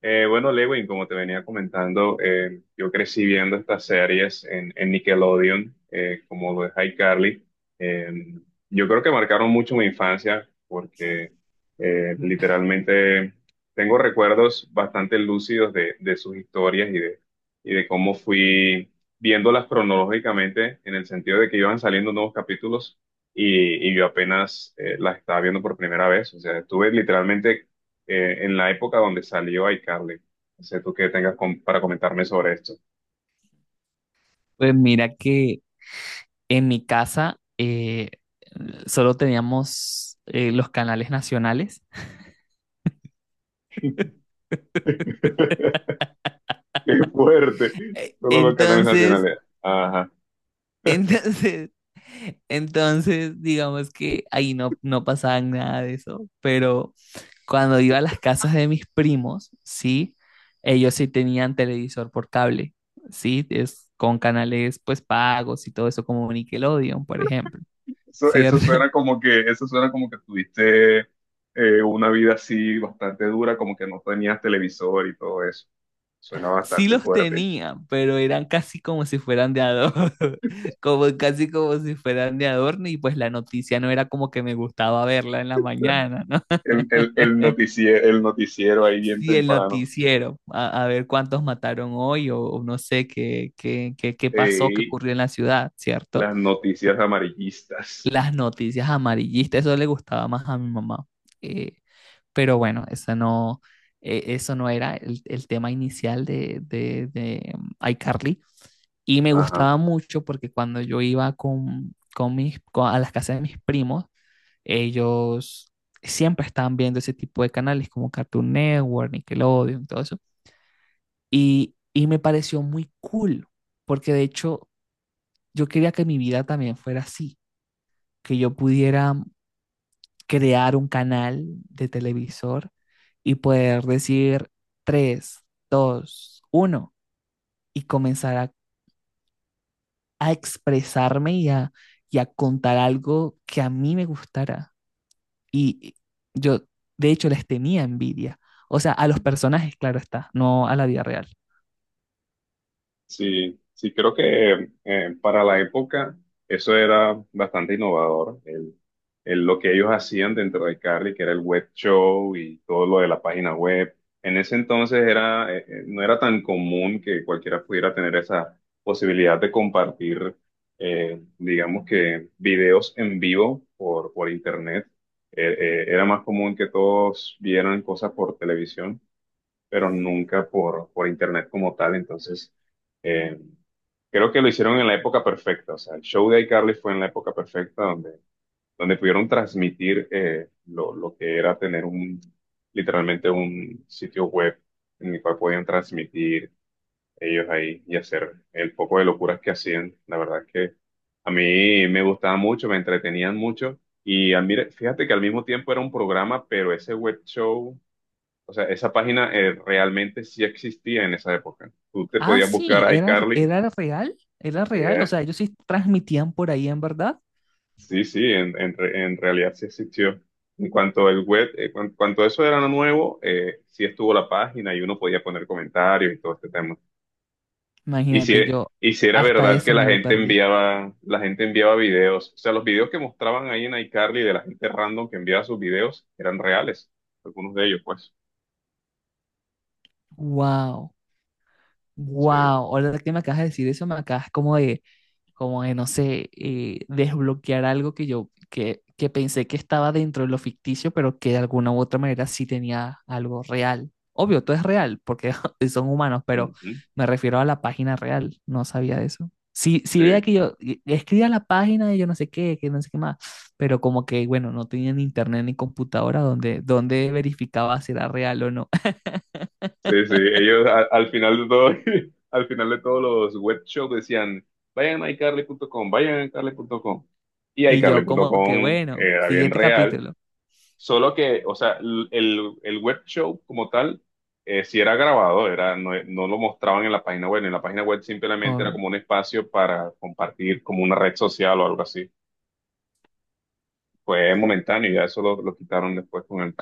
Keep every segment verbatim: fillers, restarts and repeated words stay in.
Eh, bueno, Lewin, como te venía comentando, eh, yo crecí viendo estas series en, en Nickelodeon, eh, como lo de iCarly. Eh, yo creo que marcaron mucho mi infancia porque eh, literalmente tengo recuerdos bastante lúcidos de, de sus historias y de, y de cómo fui viéndolas cronológicamente en el sentido de que iban saliendo nuevos capítulos y, y yo apenas eh, las estaba viendo por primera vez. O sea, estuve literalmente eh, en la época donde salió iCarly. No sé tú qué tengas com- para comentarme sobre esto. Pues mira que en mi casa eh, solo teníamos eh, los canales nacionales. Qué fuerte. Eh, Solo los canales Entonces, nacionales. Ajá. entonces, entonces, digamos que ahí no, no pasaba nada de eso. Pero cuando iba a las casas de mis primos, sí, ellos sí tenían televisor por cable, sí, es con canales pues pagos y todo eso como Nickelodeon, por ejemplo, Eso, eso ¿cierto? suena como que, eso suena como que tuviste eh, una vida así bastante dura, como que no tenías televisor y todo eso. Suena Sí bastante los fuerte. tenía, pero eran casi como si fueran de adorno, como casi como si fueran de adorno y pues la noticia no era como que me gustaba verla en la mañana, ¿no? El, el, el noticiero, el noticiero ahí bien Sí, el temprano. noticiero, a, a ver cuántos mataron hoy o, o no sé qué, qué, qué, qué pasó, qué Ey, ocurrió en la ciudad, ¿cierto? las noticias amarillistas. Las noticias amarillistas, eso le gustaba más a mi mamá. Eh, pero bueno, eso no, eh, eso no era el, el tema inicial de, de, de mm, iCarly. Y me Ajá. gustaba mucho porque cuando yo iba con, con mis, con- a las casas de mis primos, ellos siempre estaban viendo ese tipo de canales como Cartoon Network, Nickelodeon, todo eso. Y, y me pareció muy cool, porque de hecho yo quería que mi vida también fuera así, que yo pudiera crear un canal de televisor y poder decir tres dos uno y comenzar a a expresarme y a, y a contar algo que a mí me gustara. Y yo, de hecho, les tenía envidia. O sea, a los personajes, claro está, no a la vida real. Sí, sí, creo que eh, para la época eso era bastante innovador, el, el- lo que ellos hacían dentro de Carly, que era el web show y todo lo de la página web. En ese entonces era, eh, eh, no era tan común que cualquiera pudiera tener esa posibilidad de compartir, eh, digamos que, videos en vivo por, por internet. Eh, eh, era más común que todos vieran cosas por televisión pero nunca por, por internet como tal. Entonces, eh, creo que lo hicieron en la época perfecta. O sea, el show de iCarly fue en la época perfecta donde, donde pudieron transmitir eh, lo, lo que era tener un, literalmente un sitio web en el cual podían transmitir ellos ahí y hacer el poco de locuras que hacían. La verdad es que a mí me gustaba mucho, me entretenían mucho. Y al mir- fíjate que al mismo tiempo era un programa, pero ese web show, o sea, esa página eh, realmente sí existía en esa época. Tú te Ah, podías buscar sí, a era, iCarly. era real, era real. O eh, sea, ellos sí transmitían por ahí en verdad. sí, sí, en, en re- en realidad sí existió. En cuanto el web, eh, cuan- cuanto eso era nuevo, eh, sí estuvo la página y uno podía poner comentarios y todo este tema. Y si, Imagínate, yo y si era hasta verdad que eso la me lo gente perdí. enviaba, la gente enviaba videos. O sea, los videos que mostraban ahí en iCarly de la gente random que enviaba sus videos eran reales. Algunos de ellos, pues. Wow. Wow, Sí. ahora que me acabas de decir eso, me acabas como de, como de, no sé, eh, desbloquear algo que yo, que, que pensé que estaba dentro de lo ficticio, pero que de alguna u otra manera sí tenía algo real. Obvio, todo es real, porque son humanos, pero Ujú. me refiero a la página real, no sabía de eso. Sí, sí veía Sí. que yo eh, escribía la página de yo no sé qué, que no sé qué más, pero como que, bueno, no tenía ni internet ni computadora donde, donde verificaba si era real o no. Sí, sí, ellos a- al final de todo, al final de todos los web shows decían, vayan a iCarly punto com, vayan a iCarly punto com. Y Y yo como iCarly punto com que, bueno, era bien siguiente real, capítulo. solo que, o sea, l- el, el web show como tal, eh, sí era grabado, era, no, no lo mostraban en la página web, en la página web simplemente era Obvio. como un espacio para compartir como una red social o algo así. Fue momentáneo, y ya eso lo, lo quitaron después con el...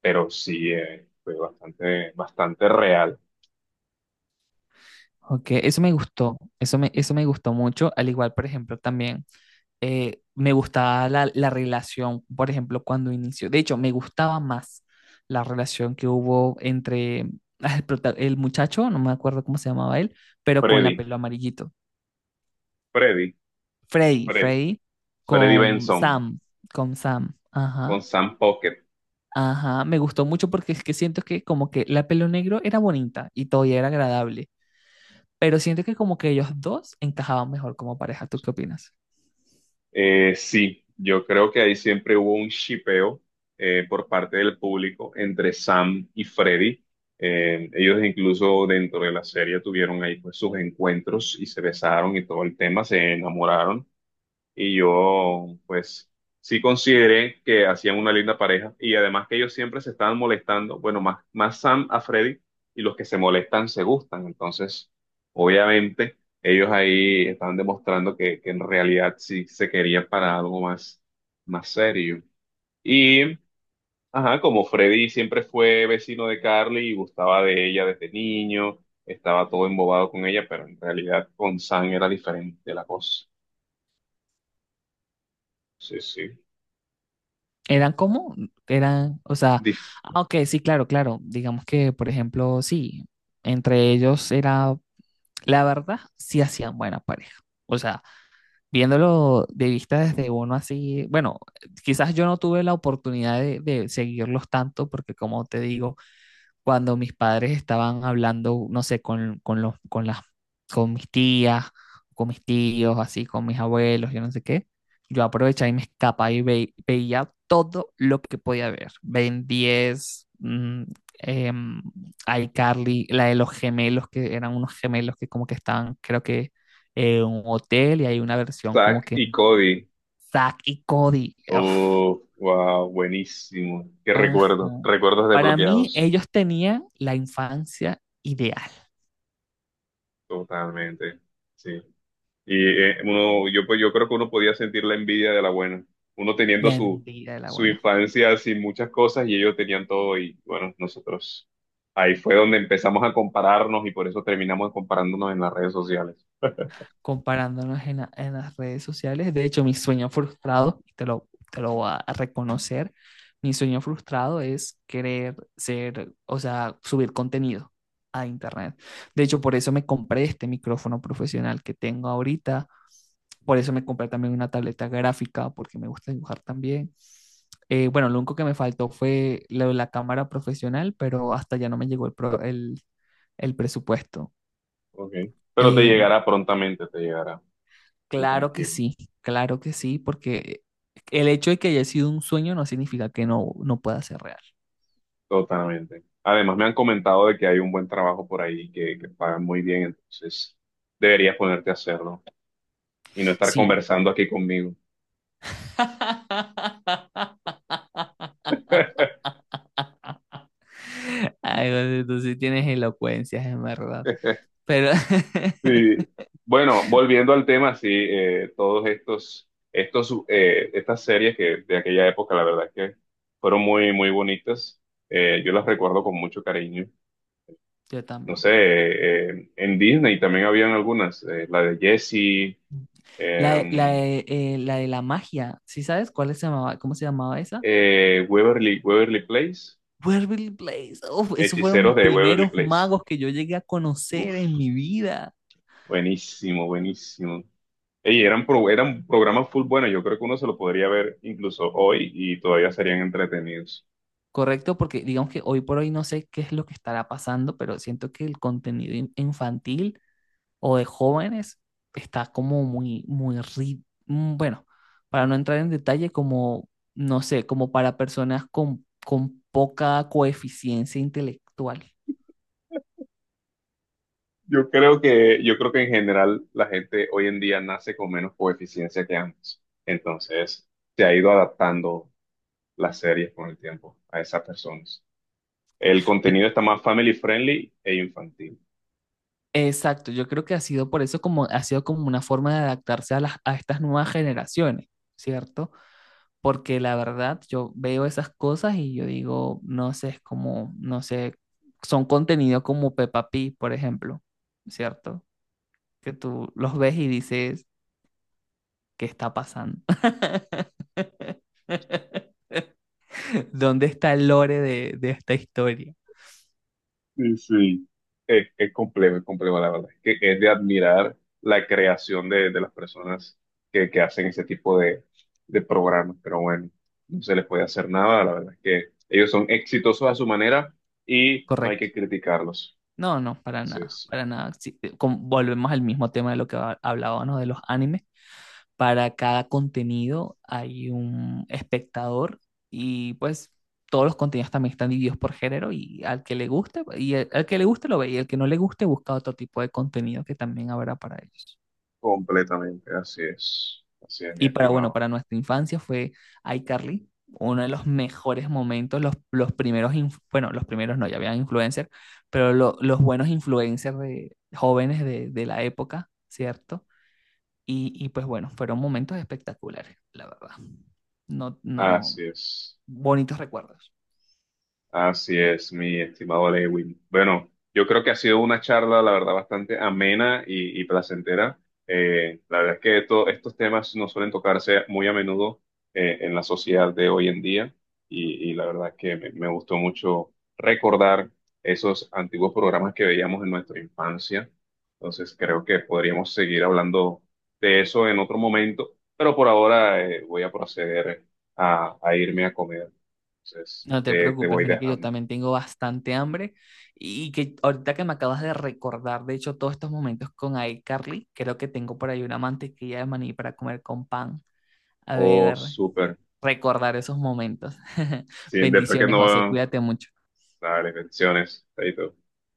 Pero sí, eh, fue bastante, bastante real. Ok, eso me gustó, eso me, eso me gustó mucho, al igual, por ejemplo, también eh, me gustaba la, la relación, por ejemplo, cuando inició, de hecho, me gustaba más la relación que hubo entre ah, el, prota- el muchacho, no me acuerdo cómo se llamaba él, pero con la Freddy, pelo amarillito, Freddy. Freddy, Freddy. Freddy, Freddy con Benson Sam, con Sam, con ajá, Sam Pocket. ajá, me gustó mucho porque es que siento que como que la pelo negro era bonita y todavía era agradable. Pero siento que como que ellos dos encajaban mejor como pareja. ¿Tú qué opinas? Eh, sí, yo creo que ahí siempre hubo un shipeo eh, por parte del público entre Sam y Freddy. Eh, ellos incluso dentro de la serie tuvieron ahí pues sus encuentros y se besaron y todo el tema, se enamoraron. Y yo pues sí consideré que hacían una linda pareja y además que ellos siempre se estaban molestando, bueno, más, más Sam a Freddy y los que se molestan se gustan, entonces obviamente ellos ahí estaban demostrando que, que en realidad sí se querían para algo más, más serio. Y, ajá, como Freddy siempre fue vecino de Carly y gustaba de ella desde niño. Estaba todo embobado con ella, pero en realidad con Sam era diferente la cosa. Sí, sí. Eran como, eran, o sea, Dif- ah, ok, sí, claro, claro. Digamos que, por ejemplo, sí, entre ellos era, la verdad, sí hacían buena pareja. O sea, viéndolo de vista desde uno así, bueno, quizás yo no tuve la oportunidad de, de seguirlos tanto porque como te digo, cuando mis padres estaban hablando, no sé, con, con los, con las, con mis tías, con mis tíos, así, con mis abuelos, yo no sé qué, yo aprovechaba y me escapaba y ve- veía todo lo que podía ver. Ben diez, mm, em, iCarly, la de los gemelos, que eran unos gemelos que como que estaban, creo que, eh, en un hotel y hay una versión como Zack que y Cody. Zack y Cody. Uf, Oh, wow, buenísimo. Qué ajá. recuerdo. Recuerdos Para mí, desbloqueados. ellos tenían la infancia ideal. Totalmente. Sí. Y eh, uno, yo, pues, yo creo que uno podía sentir la envidia de la buena. Uno teniendo La su, envidia de la su buena. infancia sin muchas cosas y ellos tenían todo y bueno, nosotros. Ahí fue donde empezamos a compararnos y por eso terminamos comparándonos en las redes sociales. Comparándonos en, la- en las redes sociales. De hecho, mi sueño frustrado, y te lo, te lo voy a reconocer, mi sueño frustrado es querer ser, o sea, subir contenido a internet. De hecho, por eso me compré este micrófono profesional que tengo ahorita. Por eso me compré también una tableta gráfica, porque me gusta dibujar también. Eh, bueno, lo único que me faltó fue lo de la cámara profesional, pero hasta ya no me llegó el, pro- el, el presupuesto. Okay. Pero te Eh, llegará prontamente, te llegará. Tú Claro que tranquilo. sí, claro que sí, porque el hecho de que haya sido un sueño no significa que no, no pueda ser real. Totalmente. Además, me han comentado de que hay un buen trabajo por ahí que, que pagan muy bien, entonces deberías ponerte a hacerlo y no estar Sí. conversando aquí conmigo. Ay, José, tú sí tienes elocuencias, en verdad. Pero Sí. Bueno, volviendo al tema, sí, eh, todos estos, estos, eh, estas series que de aquella época, la verdad es que fueron muy, muy bonitas. Eh, yo las recuerdo con mucho cariño. yo No también. sé, eh, eh, en Disney también habían algunas, eh, la de Jessie, La, de- la, em, de, eh, La de la magia, ¿sí sabes cuál se llamaba, cómo se llamaba esa? eh, Waverly, Waverly Place. Waverly Place. Uf, esos fueron mis Hechiceros de Waverly primeros Place. magos que yo llegué a conocer en Uf, mi vida. buenísimo, buenísimo. Ey, eran, pro- eran programas full buenos. Yo creo que uno se lo podría ver incluso hoy y todavía serían entretenidos. Correcto, porque digamos que hoy por hoy no sé qué es lo que estará pasando, pero siento que el contenido in- infantil o de jóvenes está como muy, muy, ri- mm, bueno, para no entrar en detalle, como, no sé, como para personas con, con poca coeficiencia intelectual. Yo creo que, yo creo que en general la gente hoy en día nace con menos coeficiencia que antes. Entonces, se ha ido adaptando las series con el tiempo a esas personas. El E- contenido está más family friendly e infantil. Exacto, yo creo que ha sido por eso como, ha sido como una forma de adaptarse a las, a estas nuevas generaciones, ¿cierto? Porque la verdad yo veo esas cosas y yo digo, no sé, es como, no sé, son contenido como Peppa Pig, por ejemplo, ¿cierto? Que tú los ves y dices, ¿qué está pasando? ¿Dónde está el lore de, de esta historia? Sí, sí. Es, es complejo, es complejo, la verdad. Es que es de admirar la creación de, de las personas que, que hacen ese tipo de, de programas, pero bueno, no se les puede hacer nada, la verdad es que ellos son exitosos a su manera y no hay Correcto. que criticarlos. No, no, para Así nada, es, para nada. Sí, eh, com- volvemos al mismo tema de lo que ha- hablábamos de los animes. Para cada contenido hay un espectador y pues todos los contenidos también están divididos por género y al que le guste, y el- al que le guste lo ve y al que no le guste busca otro tipo de contenido que también habrá para ellos. completamente, así es, así es, mi Y para, bueno, estimado, para nuestra infancia fue iCarly, uno de los mejores momentos, los, los primeros, inf- bueno, los primeros no, ya habían influencers, pero lo- los buenos influencers de, jóvenes de, de la época, ¿cierto? Y, y pues bueno, fueron momentos espectaculares, la verdad. No, no, así es. bonitos recuerdos. Así es, mi estimado Lewin. Bueno, yo creo que ha sido una charla, la verdad, bastante amena y, y placentera. Eh, la verdad es que esto- estos temas no suelen tocarse muy a menudo eh, en la sociedad de hoy en día y, y la verdad es que me, me gustó mucho recordar esos antiguos programas que veíamos en nuestra infancia. Entonces, creo que podríamos seguir hablando de eso en otro momento, pero por ahora eh, voy a proceder a a irme a comer. Entonces, No te te, te preocupes, voy mira que yo dejando. también tengo bastante hambre y que ahorita que me acabas de recordar, de hecho, todos estos momentos con iCarly, creo que tengo por ahí una mantequilla de maní para comer con pan. A Oh, ver, súper. recordar esos momentos. Sí, después que Bendiciones, José, no... cuídate mucho. Dale, bendiciones. Chaito.